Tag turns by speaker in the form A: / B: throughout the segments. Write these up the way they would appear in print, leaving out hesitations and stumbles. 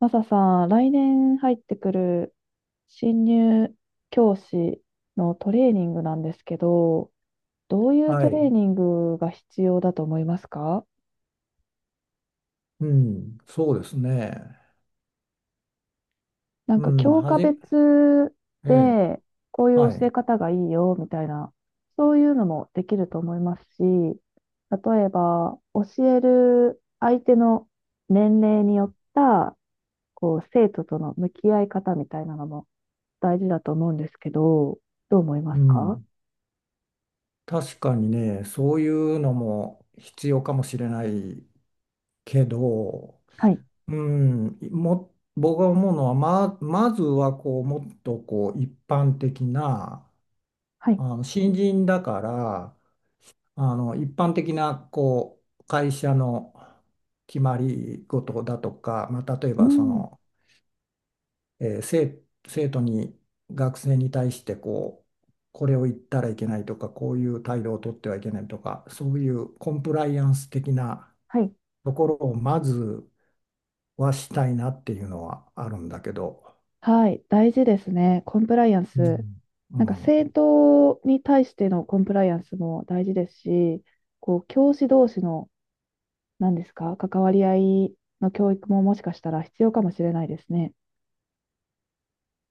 A: マサさん、来年入ってくる新入教師のトレーニングなんですけど、どういう
B: は
A: トレ
B: い。
A: ーニングが必要だと思いますか？
B: うん。そうですね。
A: なん
B: う
A: か
B: ん。
A: 教科
B: え
A: 別
B: え。
A: でこういう
B: は
A: 教え
B: い。
A: 方がいいよみたいな、そういうのもできると思いますし、例えば教える相手の年齢によったこう生徒との向き合い方みたいなのも大事だと思うんですけど、どう思いま
B: う
A: すか？
B: ん。確かにね、そういうのも必要かもしれないけど、
A: はい。
B: うん。僕が思うのは、まずは、もっと、一般的な、
A: はい。
B: 新人だから、一般的な、会社の決まり事だとか、まあ、例え
A: う
B: ば、
A: ん。
B: えー生、生徒に学生に対して、これを言ったらいけないとか、こういう態度をとってはいけないとか、そういうコンプライアンス的な
A: はい。
B: ところをまずはしたいなっていうのはあるんだけど、
A: はい、大事ですね。コンプライアン
B: う
A: ス。
B: ん。う
A: なんか政
B: ん、
A: 党に対してのコンプライアンスも大事ですし、こう教師同士の何ですか、関わり合いの教育ももしかしたら必要かもしれないですね。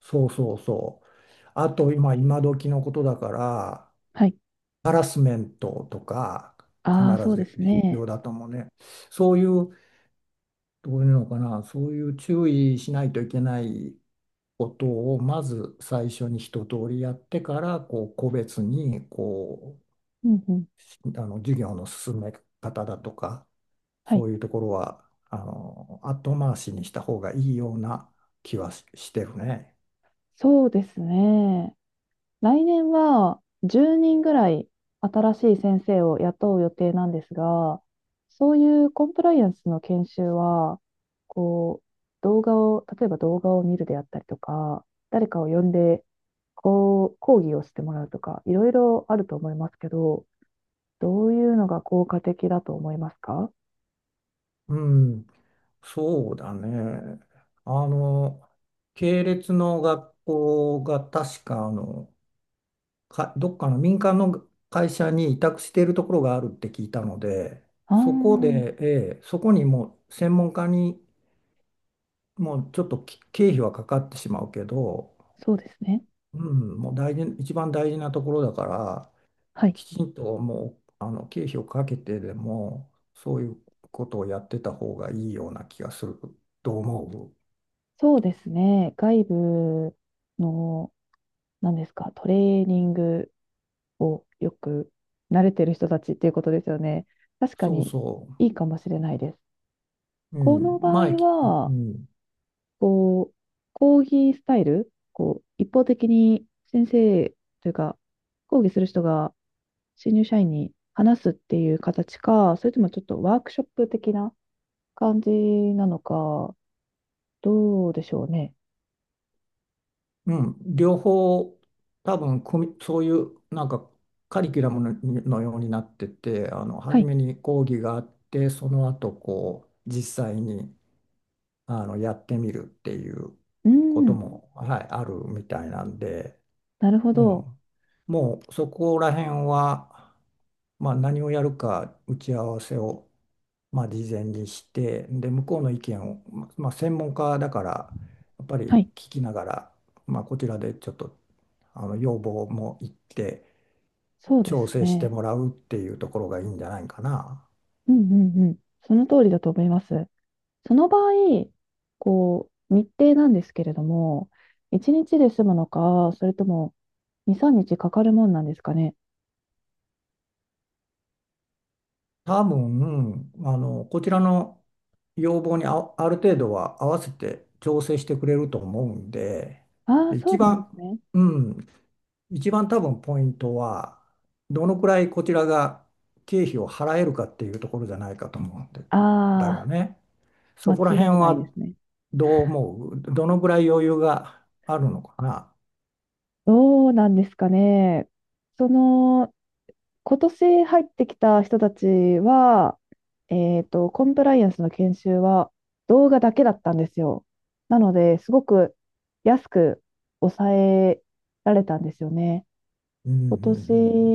B: そうそうそう、あと今時のことだから、
A: はい。
B: ハラスメントとか必
A: ああ、そうで
B: ず
A: す
B: 必
A: ね。
B: 要だと思うね。そういう、どういうのかな、そういう注意しないといけないことをまず最初に一通りやってから、個別に、
A: うんうん。
B: 授業の進め方だとか、
A: はい。
B: そういうところは後回しにした方がいいような気はしてるね。
A: そうですね。来年は10人ぐらい新しい先生を雇う予定なんですが、そういうコンプライアンスの研修は、こう、動画を、例えば動画を見るであったりとか、誰かを呼んで、こう、講義をしてもらうとか、いろいろあると思いますけど、どういうのが効果的だと思いますか？
B: うん、そうだね。あの系列の学校が確かどっかの民間の会社に委託しているところがあるって聞いたので。
A: ああ
B: そこ
A: ー、
B: で、そこにもう専門家に、もうちょっと経費はかかってしまうけど、
A: そうですね。
B: うん、もう大事、一番大事なところだから、
A: はい。
B: きちんと、もう経費をかけてでも、そういうことをやってた方がいいような気がすると思う。
A: そうですね。外部の、何ですか、トレーニングをよく慣れてる人たちっていうことですよね。確か
B: そう
A: に
B: そ
A: いいかもしれないです。
B: う。う
A: この
B: ん、
A: 場合
B: 前、う
A: は、
B: ん、
A: こう、講義スタイル、こう、一方的に先生というか、講義する人が新入社員に話すっていう形か、それともちょっとワークショップ的な感じなのか、どうでしょうね。
B: うん、両方、多分、そういうなんかカリキュラムの、ようになってて、
A: は
B: 初
A: い。
B: めに講義があって、その後、実際に。やってみるっていう
A: う
B: こと
A: ん。
B: も、はい、あるみたいなんで、
A: なるほ
B: う
A: ど。
B: ん。もうそこら辺は、まあ、何をやるか打ち合わせを、まあ、事前にして、で、向こうの意見を、まあ、専門家だから、やっぱり
A: はい。
B: 聞きながら、まあ、こちらでちょっと、要望も言って、
A: そうで
B: 調
A: す
B: 整して
A: ね。
B: もらうっていうところがいいんじゃないかな。
A: うんうんうん。その通りだと思います。その場合、こう、日程なんですけれども、1日で済むのか、それとも2、3日かかかるもんなんですかね。
B: 多分、こちらの要望に、ある程度は合わせて調整してくれると思うんで、
A: ああ、
B: で
A: そうなんですね。
B: うん、一番多分ポイントは、どのくらいこちらが経費を払えるかっていうところじゃないかと思うんで、だよ
A: ああ、
B: ね。そ
A: 間
B: こら辺
A: 違いないで
B: は
A: すね。
B: どう思う？どのくらい余裕があるのかな。
A: どうなんですかね。その、今年入ってきた人たちは、コンプライアンスの研修は動画だけだったんですよ。なので、すごく安く抑えられたんですよね。
B: うん、う
A: 今
B: ん、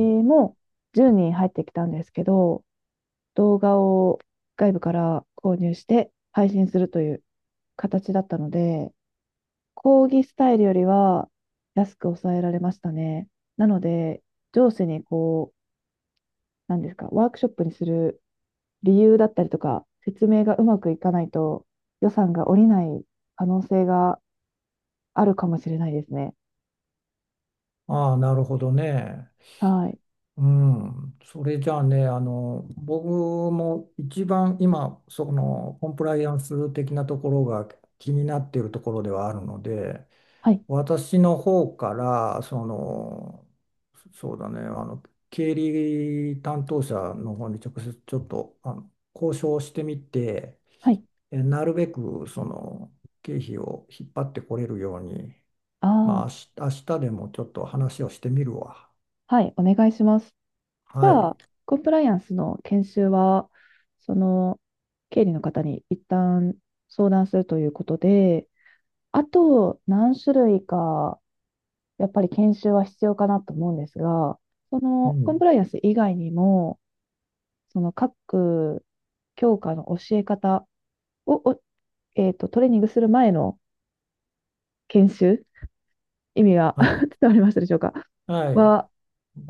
B: うん、
A: も10人入ってきたんですけど、動画を外部から購入して配信するという形だったので、講義スタイルよりは安く抑えられましたね。なので、上司にこう、なんですか、ワークショップにする理由だったりとか、説明がうまくいかないと予算が下りない可能性があるかもしれないですね。
B: うん。ああ、なるほどね。
A: はい。
B: うん、それじゃあね、僕も一番今、そのコンプライアンス的なところが気になっているところではあるので、
A: はい。
B: 私の方から、そうだね、経理担当者の方に直接ちょっと、交渉してみて、
A: はい。
B: なるべくその経費を引っ張ってこれるように、
A: あ
B: まあ、明日でもちょっと話をしてみるわ。
A: あ、はい。お願いします。じ
B: は
A: ゃ
B: い。
A: あ、コンプライアンスの研修は、その、経理の方に一旦相談するということで、あと何種類か、やっぱり研修は必要かなと思うんですが、そ
B: う
A: のコン
B: ん。
A: プライアンス以外にも、その各教科の教え方を、おえっと、トレーニングする前の研修、意味が
B: は い。
A: 伝わりましたでしょうか？
B: はい。
A: は、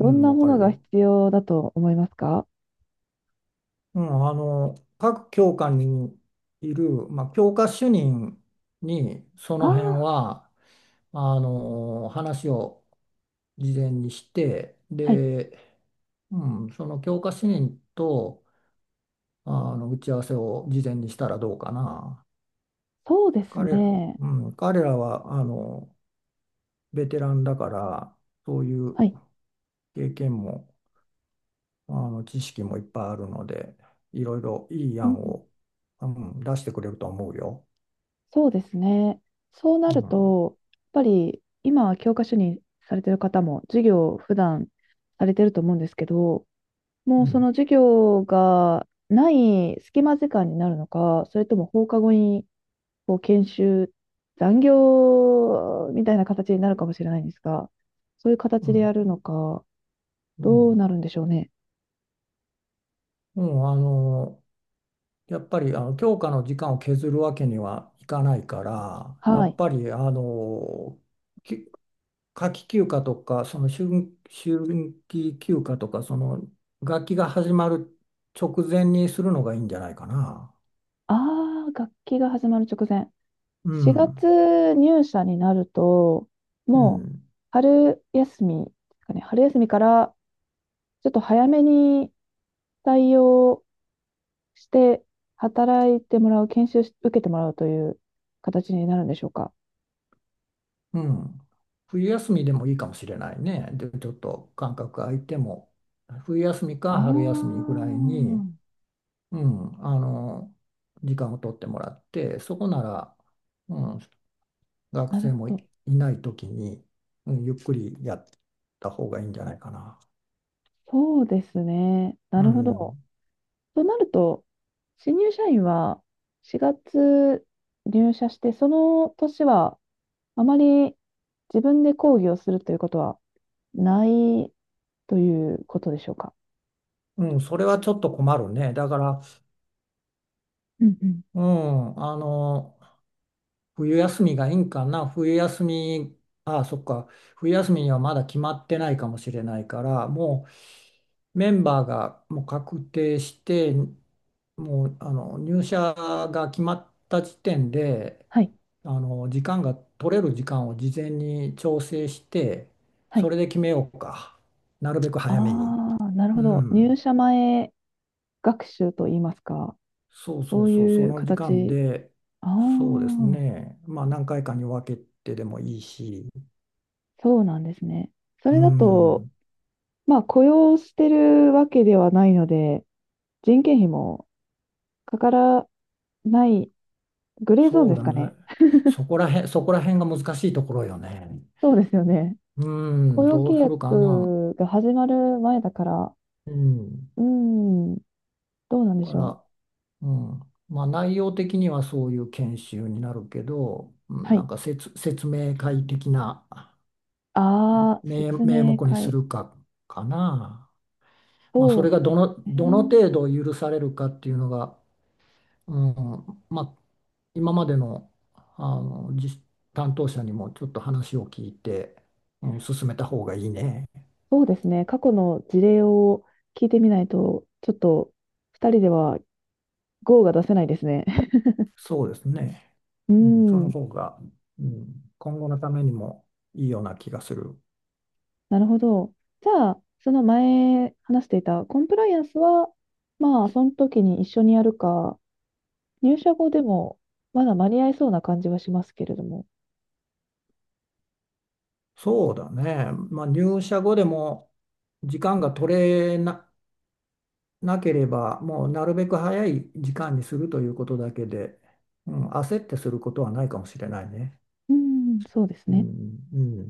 B: う
A: ん
B: ん、
A: な
B: わ
A: も
B: か
A: の
B: る
A: が
B: よ。
A: 必要だと思いますか？
B: うん、各教科にいる、まあ、教科主任に、そ
A: あ
B: の辺
A: あ、
B: は、話を事前にして、
A: はい。
B: で、うん、その教科主任と、打ち合わせを事前にしたらどうかな。
A: そうですね。
B: 彼らは、ベテランだから、そういう
A: はい。
B: 経験も知識もいっぱいあるので、いろいろいい
A: うん、
B: 案を、うん、出してくれると思うよ。
A: そうですね。そうな
B: う
A: る
B: ん。
A: と、やっぱり今は教科書にされてる方も授業を普段されてると思うんですけど、
B: う
A: もうそ
B: ん。
A: の授業がない隙間時間になるのか、それとも放課後にこう研修、残業みたいな形になるかもしれないんですが、そういう
B: う
A: 形でや
B: ん。
A: るのか、
B: う
A: どう
B: ん、
A: なるんでしょうね。
B: うん、やっぱり教科の時間を削るわけにはいかないから、や
A: は
B: っ
A: い。
B: ぱり、き夏季休暇とか、その春季休暇とか、その学期が始まる直前にするのがいいんじゃないかな。
A: ああ、楽器が始まる直前。
B: う
A: 4
B: ん。
A: 月入社になると、
B: う
A: もう
B: ん。
A: 春休みですかね、春休みからちょっと早めに対応して働いてもらう、研修し受けてもらうという形になるんでしょうか。
B: うん。冬休みでもいいかもしれないね。で、ちょっと間隔空いても、冬休み
A: あ
B: か春休みぐらいに、
A: あ、
B: うん、あの、時間を取ってもらって、そこなら、うん、学
A: なる
B: 生
A: ほ
B: も
A: ど。
B: いない時に、うん、ゆっくりやった方がいいんじゃないかな。
A: そうですね。
B: う
A: なるほど。
B: ん。
A: となると、新入社員は4月入社して、その年はあまり自分で講義をするということはないということでしょうか。
B: うん、それはちょっと困るね。だから、
A: うんうん。
B: うん、あの、冬休みがいいんかな。冬休み、ああ、そっか。冬休みにはまだ決まってないかもしれないから、もう、メンバーがもう確定して、もう入社が決まった時点で、
A: はい。
B: 時間が取れる時間を事前に調整して、
A: は
B: そ
A: い。
B: れで決めようか、なるべく早めに。
A: ああ、なるほ
B: う
A: ど。入
B: ん、
A: 社前学習といいますか、
B: そうそ
A: そ
B: う
A: う
B: そう、そ
A: いう
B: の時間
A: 形。
B: で、
A: あ
B: そうです
A: あ、
B: ね、まあ何回かに分けてでもいいし、
A: そうなんですね。そ
B: う
A: れだと、
B: ん、
A: まあ、雇用してるわけではないので、人件費もかからないグレーゾーン
B: そう
A: です
B: だ
A: か
B: ね、
A: ね。
B: そこら辺が難しいところよね。
A: そうですよね。
B: う
A: 雇
B: ん、
A: 用
B: ど
A: 契
B: うするかな。
A: 約が始まる前だから、
B: うん、
A: うーん、どうなんで
B: か
A: しょう。
B: ら、うん、まあ内容的にはそういう研修になるけど、うん、
A: は
B: なん
A: い。
B: か説明会的な
A: ああ、説
B: 名
A: 明
B: 目にす
A: 会。
B: るかな。まあそ
A: そう
B: れが
A: です
B: どの
A: ね。
B: 程度許されるかっていうのが、うん、まあ今までの、実担当者にもちょっと話を聞いて、うん、進めた方がいいね。
A: そうですね。過去の事例を聞いてみないと、ちょっと二人ではゴーが出せないですね。
B: そうですね。
A: うー
B: うん、その
A: ん、
B: 方が、うん、今後のためにもいいような気がする。
A: なるほど。じゃあ、その前話していたコンプライアンスは、まあ、その時に一緒にやるか、入社後でもまだ間に合いそうな感じはしますけれども。
B: そうだね。まあ、入社後でも時間が取れな、なければ、もうなるべく早い時間にするということだけで、うん、焦ってすることはないかもしれないね。
A: うん、そうです
B: う
A: ね。
B: ん、うん